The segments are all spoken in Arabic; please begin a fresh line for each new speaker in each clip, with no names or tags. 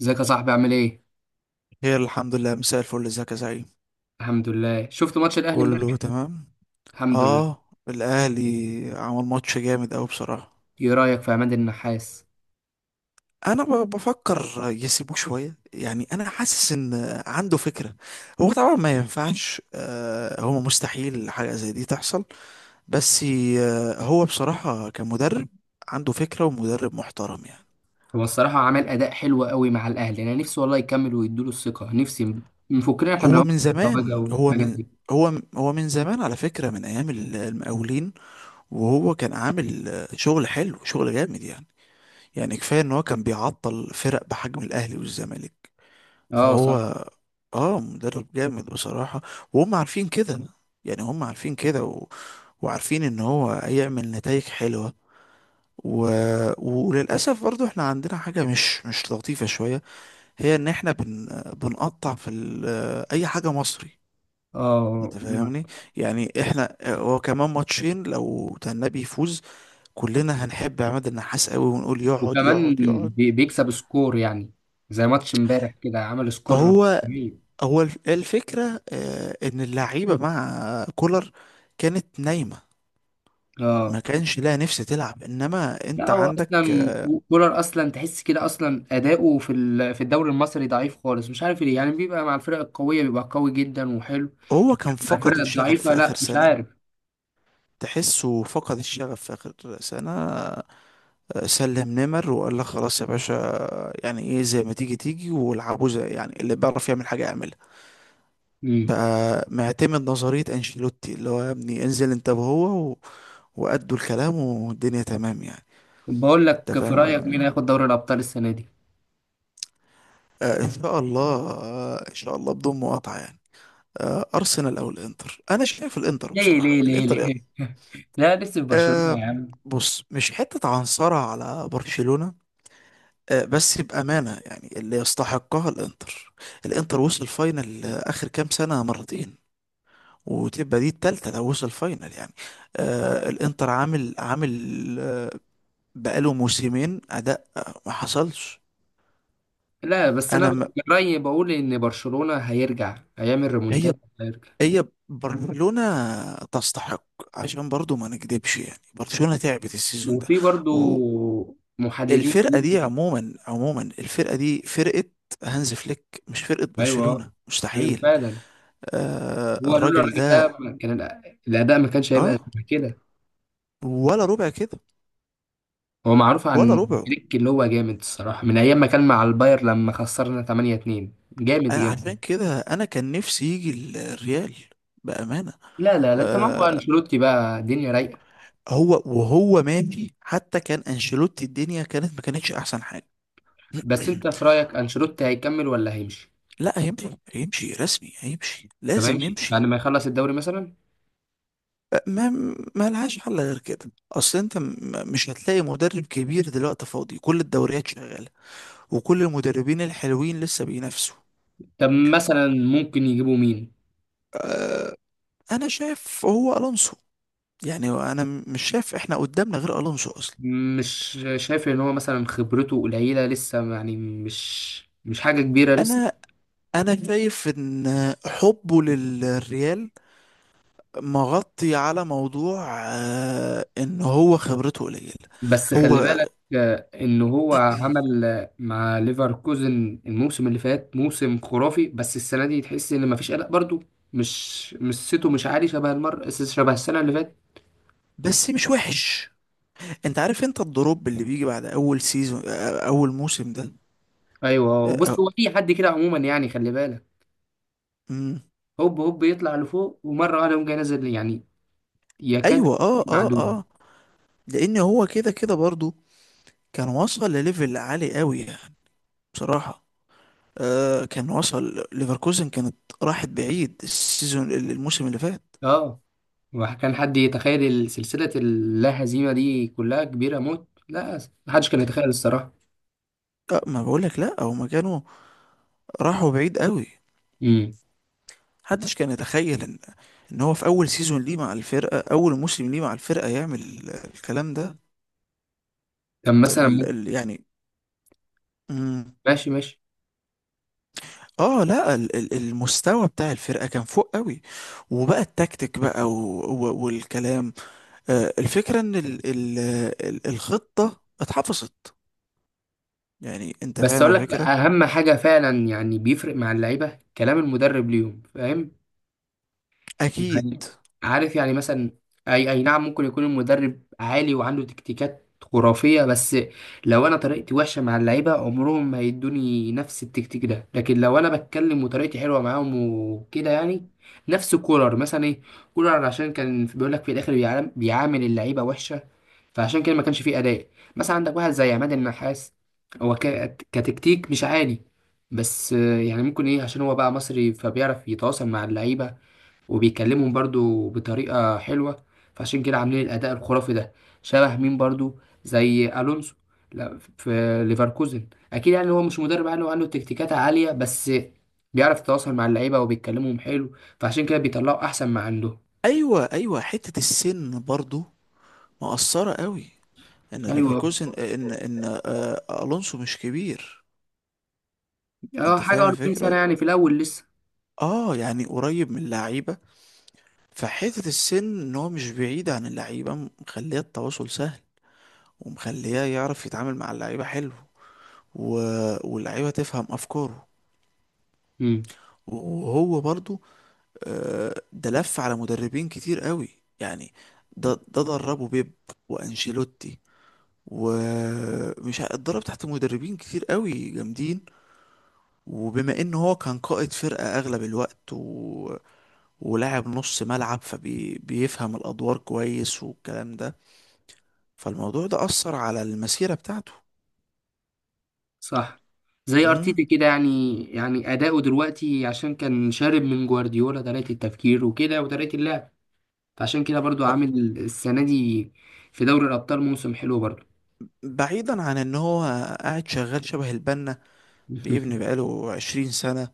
ازيك يا صاحبي عامل ايه؟
هي الحمد لله. مساء الفل. ازيك يا زعيم؟
الحمد لله. شفت ماتش الاهلي
كله
امبارح؟
تمام.
الحمد لله.
اه، الاهلي عمل ماتش جامد قوي بصراحه.
ايه رايك في عماد النحاس؟
انا بفكر يسيبوه شويه، يعني انا حاسس ان عنده فكره. هو طبعا ما ينفعش، هو مستحيل حاجه زي دي تحصل، بس هو بصراحه كمدرب عنده فكره ومدرب محترم، يعني.
هو الصراحه عمل اداء حلو قوي مع الاهلي، انا نفسي والله يكمل ويدوله الثقه. نفسي نفكنا احنا من
هو
العمر
من
التواجع
زمان،
والحاجات دي.
هو من زمان على فكره، من ايام المقاولين. وهو كان عامل شغل حلو، شغل جامد، يعني كفاية ان هو كان بيعطل فرق بحجم الاهلي والزمالك.
اه
فهو
صح.
اه مدرب جامد بصراحة، وهم عارفين كده. يعني هم عارفين كده وعارفين ان هو هيعمل نتائج حلوة، و... وللأسف برضو احنا عندنا حاجة مش لطيفة شوية. هي ان احنا بنقطع اي حاجة مصري.
اه،
انت فاهمني؟ يعني احنا هو كمان ماتشين لو تنبي يفوز كلنا هنحب عماد النحاس قوي، ونقول يقعد
وكمان
يقعد يقعد.
بيكسب سكور يعني، زي ماتش امبارح كده عمل سكور
هو
جميل.
هو الفكرة، إن اللعيبة مع كولر كانت نايمة، ما
اه،
كانش لها نفس تلعب، إنما
لا
أنت
هو
عندك.
اصلا، كولر اصلا تحس كده اصلا اداؤه في الدوري المصري ضعيف خالص، مش عارف ليه. يعني بيبقى مع الفرق القويه بيبقى قوي جدا وحلو،
هو كان فقد
الفرق
الشغف
الضعيفة
في آخر
لا، مش
سنة،
عارف.
تحسه فقد الشغف في آخر سنة. سلم نمر وقال لك خلاص يا باشا. يعني إيه، زي ما تيجي تيجي والعبوا، زي يعني اللي بيعرف يعمل حاجة يعملها.
مم.
بقى معتمد نظرية أنشيلوتي، اللي هو يا ابني انزل أنت وهو وأدوا الكلام والدنيا تمام، يعني.
بقول
أنت
لك، في رأيك مين
فاهم؟
هياخد دوري الأبطال السنة دي؟
ان شاء الله، ان شاء الله بدون مقاطعه، يعني. ارسنال او الانتر، انا شايف الانتر
ليه
بصراحه،
ليه ليه
الانتر يعني.
ليه؟ لا لسه في برشلونة
آه،
يا عم.
بص، مش حته عنصرة على برشلونه، بس بامانه يعني اللي يستحقها الانتر. الانتر وصل فاينل اخر كام سنه مرتين، وتبقى دي التالتة لو وصل فاينل، يعني. الانتر عامل آه بقاله موسمين اداء، ما حصلش.
لا بس أنا
انا
من
م...
رأيي بقول إن برشلونة هيرجع، هيعمل
هي
ريمونتاد، هيرجع.
هي برشلونة تستحق، عشان برضو ما نكدبش، يعني برشلونة تعبت السيزون ده.
وفي برضو محللين.
والفرقة دي عموما عموما، الفرقة دي فرقة هانز فليك، مش فرقة
أيوه
برشلونة،
أيوه،
مستحيل.
فعلا. هو لولا
الراجل
الراجل
ده.
ده ما كان الأداء ما كانش
اه،
هيبقى شبه كده.
ولا ربع كده،
هو معروف
ولا
عن
ربعه.
فليك، اللي هو جامد الصراحة من أيام ما كان مع الباير لما خسرنا 8-2. جامد
انا عشان
جامد.
كده انا كان نفسي يجي الريال، بأمانة.
لا لا لا، انت معاك بقى
آه
انشيلوتي، بقى الدنيا رايقه.
وهو ماشي حتى كان انشيلوتي، الدنيا كانت ما كانتش احسن حاجة.
بس انت في رايك انشيلوتي هيكمل ولا هيمشي؟
لا، هيمشي، هيمشي رسمي، هيمشي
طب
لازم
هيمشي بعد
يمشي.
ما يخلص الدوري مثلا؟
أه، ما ما لهاش حل غير كده، اصل انت مش هتلاقي مدرب كبير دلوقتي فاضي، كل الدوريات شغاله وكل المدربين الحلوين لسه بينافسوا.
طب مثلا ممكن يجيبوا مين؟
انا شايف هو الونسو، يعني انا مش شايف احنا قدامنا غير الونسو اصلا.
مش شايف ان هو مثلا خبرته قليله لسه؟ يعني مش حاجه كبيره لسه.
انا انا شايف ان حبه للريال مغطي على موضوع، ان هو خبرته قليله.
بس خلي
هو
بالك، ان هو عمل، مع ليفركوزن الموسم اللي فات موسم خرافي، بس السنه دي تحس ان مفيش قلق برضو. مش سيتو، مش عالي شبه المر شبه السنه اللي فاتت.
بس مش وحش، انت عارف انت الدروب اللي بيجي بعد اول سيزون، اول موسم ده.
ايوه، وبص
اه،
هو في حد كده عموما، يعني خلي بالك.
امم.
هوب هوب يطلع لفوق ومره واحده يقوم جاي نازل يعني، يكاد
ايوه، اه، اه،
معدوم.
اه. لان هو كده كده برضو كان وصل لليفل عالي قوي، يعني. بصراحة كان وصل، ليفركوزن كانت راحت بعيد الموسم اللي فات.
اه. وكان حد يتخيل سلسله اللا هزيمه دي كلها كبيره موت؟ لا، محدش كان يتخيل الصراحه.
ما بقولك، لا، هما كانوا راحوا بعيد قوي.
امم.
محدش كان يتخيل ان هو في اول موسم ليه مع الفرقة يعمل الكلام ده.
طب مثلا.
ال ال يعني. مم.
ماشي ماشي.
اه، لا، المستوى بتاع الفرقه كان فوق قوي، وبقى التكتيك بقى، والكلام. الفكره ان الخطه اتحفظت، يعني. انت
بس
فاهم
اقول لك
الفكره؟
اهم حاجه فعلا، يعني بيفرق مع اللعيبه كلام المدرب ليهم، فاهم
اكيد.
يعني؟ عارف يعني، مثلا اي اي نعم، ممكن يكون المدرب عالي وعنده تكتيكات خرافية، بس لو انا طريقتي وحشة مع اللعيبة عمرهم ما هيدوني نفس التكتيك ده، لكن لو انا بتكلم وطريقتي حلوة معاهم وكده يعني. نفس كولر مثلا، ايه؟ كولر عشان كان بيقول لك في الاخر بيعامل اللعيبة وحشة، فعشان كده ما كانش فيه اداء. مثلا عندك واحد زي عماد النحاس، هو كتكتيك مش عالي، بس يعني ممكن ايه؟ عشان هو بقى مصري فبيعرف يتواصل مع اللعيبة وبيكلمهم برضو بطريقة حلوة، فعشان كده عاملين الأداء الخرافي ده. شبه مين برضو؟ زي ألونسو، لا، في ليفركوزن. أكيد يعني هو مش مدرب عالي وعنده تكتيكات عالية، بس بيعرف يتواصل مع اللعيبة وبيتكلمهم حلو، فعشان كده بيطلعوا أحسن ما عندهم.
ايوه، ايوه. حته السن برضو مؤثره قوي، ان
يعني هو-
ليفركوزن، ان الونسو مش كبير.
اه،
انت
حاجة
فاهم
40 سنة
الفكره؟
يعني، في الأول لسه.
اه، يعني قريب من اللعيبه، فحته السن ان هو مش بعيد عن اللعيبه، مخليه التواصل سهل، ومخليه يعرف يتعامل مع اللعيبة حلو، و... واللعيبة تفهم أفكاره.
امم،
وهو برضو ده لف على مدربين كتير قوي، يعني ده دربه بيب وأنشيلوتي، اتدرب تحت مدربين كتير قوي جامدين. وبما ان هو كان قائد فرقة اغلب الوقت ولاعب نص ملعب، فبيفهم الادوار كويس والكلام ده، فالموضوع ده اثر على المسيرة بتاعته.
صح. زي
مم.
ارتيتا كده، يعني اداؤه دلوقتي عشان كان شارب من جوارديولا طريقه التفكير وكده وطريقه اللعب، فعشان كده برضو عامل السنة دي في دوري الأبطال موسم حلو برضو.
بعيدا عن ان هو قاعد شغال شبه البنا، بيبني بقاله عشرين سنة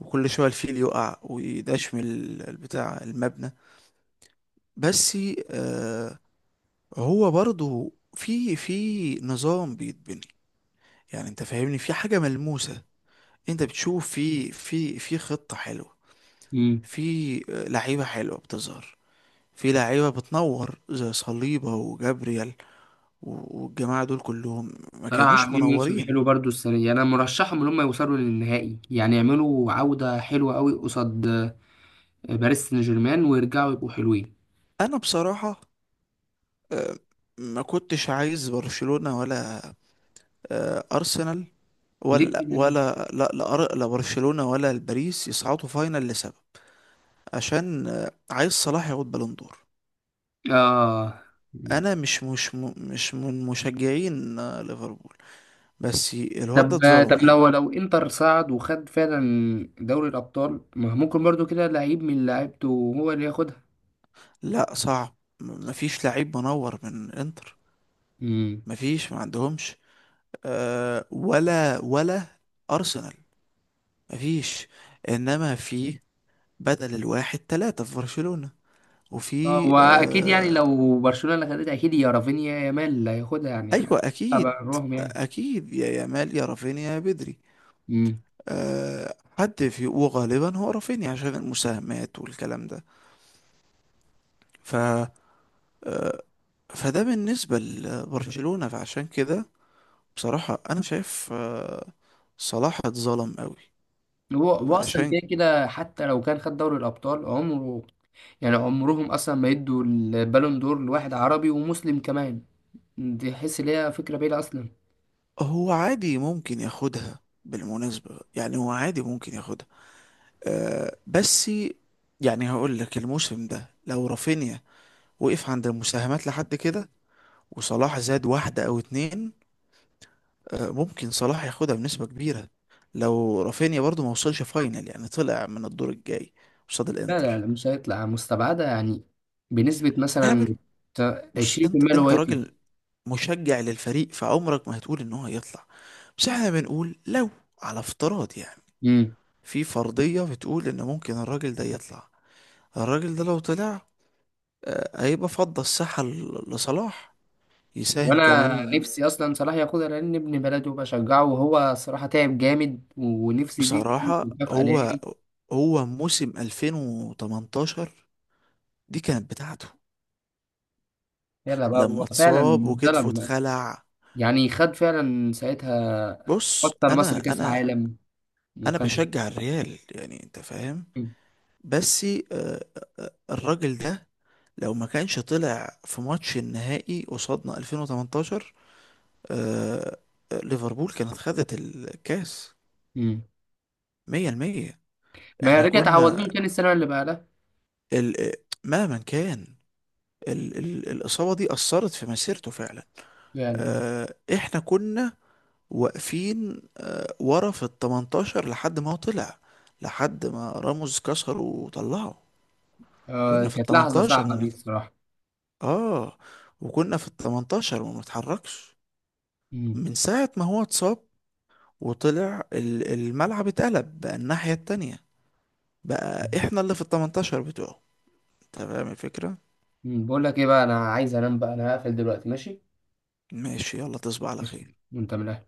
وكل شوية الفيل يقع ويداش من البتاع المبنى، بس. آه هو برضو في في نظام بيتبني، يعني انت فاهمني، في حاجة ملموسة، انت بتشوف في خطة حلوة،
مم.
في لعيبة حلوة بتظهر، في لعيبة بتنور زي صليبة وجابريال، والجماعة دول كلهم ما
صراحة
كانوش
عاملين موسم
منورين.
حلو برضو السنة دي، أنا مرشحهم إن هم يوصلوا للنهائي، يعني يعملوا عودة حلوة أوي قصاد باريس سان جيرمان ويرجعوا يبقوا حلوين.
انا بصراحة آه، ما كنتش عايز برشلونة، ولا أرسنال،
ليه
ولا
كده يعني؟
ولا لا لا أر- لا برشلونة ولا الباريس يصعدوا فاينل، لسبب. عشان عايز صلاح ياخد بالون دور.
آه.
انا مش من مشجعين ليفربول، بس الواد ده
طب طب
اتظلم قوي.
لو انتر صعد وخد فعلا دوري الأبطال، ما ممكن برضو كده لعيب من لعيبته هو اللي ياخدها؟
لا، صعب. مفيش لعيب منور من انتر.
مم.
مفيش، ما عندهمش، ولا ارسنال. مفيش. انما في بدل الواحد ثلاثة في برشلونة.
اه
وفي
واكيد، يعني
آه
لو برشلونه اللي خدتها اكيد يا رافينيا يا يامال اللي هياخدها، يعني
ايوه،
حتى
اكيد.
بره يعني.
اكيد، يا يامال يا رافينيا يا بدري.
امم.
حد في، وغالبا هو رافينيا عشان المساهمات والكلام ده، ف فده بالنسبة لبرشلونة. فعشان كده بصراحة انا شايف صلاح اتظلم قوي.
هو اصلا
فعشان
كده كده حتى لو كان خد دوري الابطال عمره، يعني عمرهم اصلا ما يدوا البالون دور لواحد عربي ومسلم كمان، دي حس ان هي فكره بعيده اصلا.
هو عادي ممكن ياخدها بالمناسبة، يعني هو عادي ممكن ياخدها. بس يعني هقول لك الموسم ده لو رافينيا وقف عند المساهمات لحد كده، وصلاح زاد واحدة أو اتنين، ممكن صلاح ياخدها بنسبة كبيرة. لو رافينيا برضو ما وصلش فاينل، يعني طلع من الدور الجاي قصاد
لا لا
الانتر،
لا، مش هيطلع مستبعده يعني، بنسبه
قابل.
مثلا
بص، انت
20% اللي هو
انت
يطلع.
راجل مشجع للفريق، فعمرك ما هتقول ان هو هيطلع، بس احنا بنقول لو، على افتراض يعني،
امم.
في فرضية بتقول ان ممكن الراجل ده يطلع. الراجل ده لو طلع، هيبقى فضى الساحة لصلاح يساهم
وانا
كمان.
نفسي اصلا صلاح ياخدها، لان ابن بلده بشجعه، وهو صراحه تعب جامد ونفسي دي تكون
بصراحة
مكافاه
هو
ليه.
هو موسم 2018 دي كانت بتاعته،
يلا بقى، هو
لما
فعلا
اتصاب وكتفه
اتظلم.
اتخلع.
يعني خد فعلا ساعتها،
بص،
حتى لمصر
انا
كأس
انا
عالم.
انا
وكان.
بشجع الريال، يعني انت فاهم.
مم.
بس آه، الراجل ده لو ما كانش طلع في ماتش النهائي قصادنا 2018، آه، ليفربول كانت خدت الكاس
مم.
100%.
ما
احنا
رجع تعوض
كنا
لهم تاني السنة اللي بعدها.
ال... آه، مهما كان الإصابة دي أثرت في مسيرته فعلا.
فعلا.
آه، احنا كنا واقفين ورا في ال 18 لحد ما هو طلع، لحد ما راموس كسره وطلعه.
آه،
كنا في ال
كانت لحظة
18، ما
صعبة دي
بنت...
الصراحة.
اه وكنا في ال 18 وما بنتحركش
مم.
من ساعة ما هو اتصاب، وطلع الملعب، اتقلب بقى الناحية التانية، بقى احنا اللي في ال 18 بتوعه. انت فاهم الفكرة؟
مم. بقول لك ايه بقى، انا عايز انام بقى، انا هقفل دلوقتي، ماشي؟
ماشي، يلا تصبح على
ماشي.
خير.
وانت من الأهل.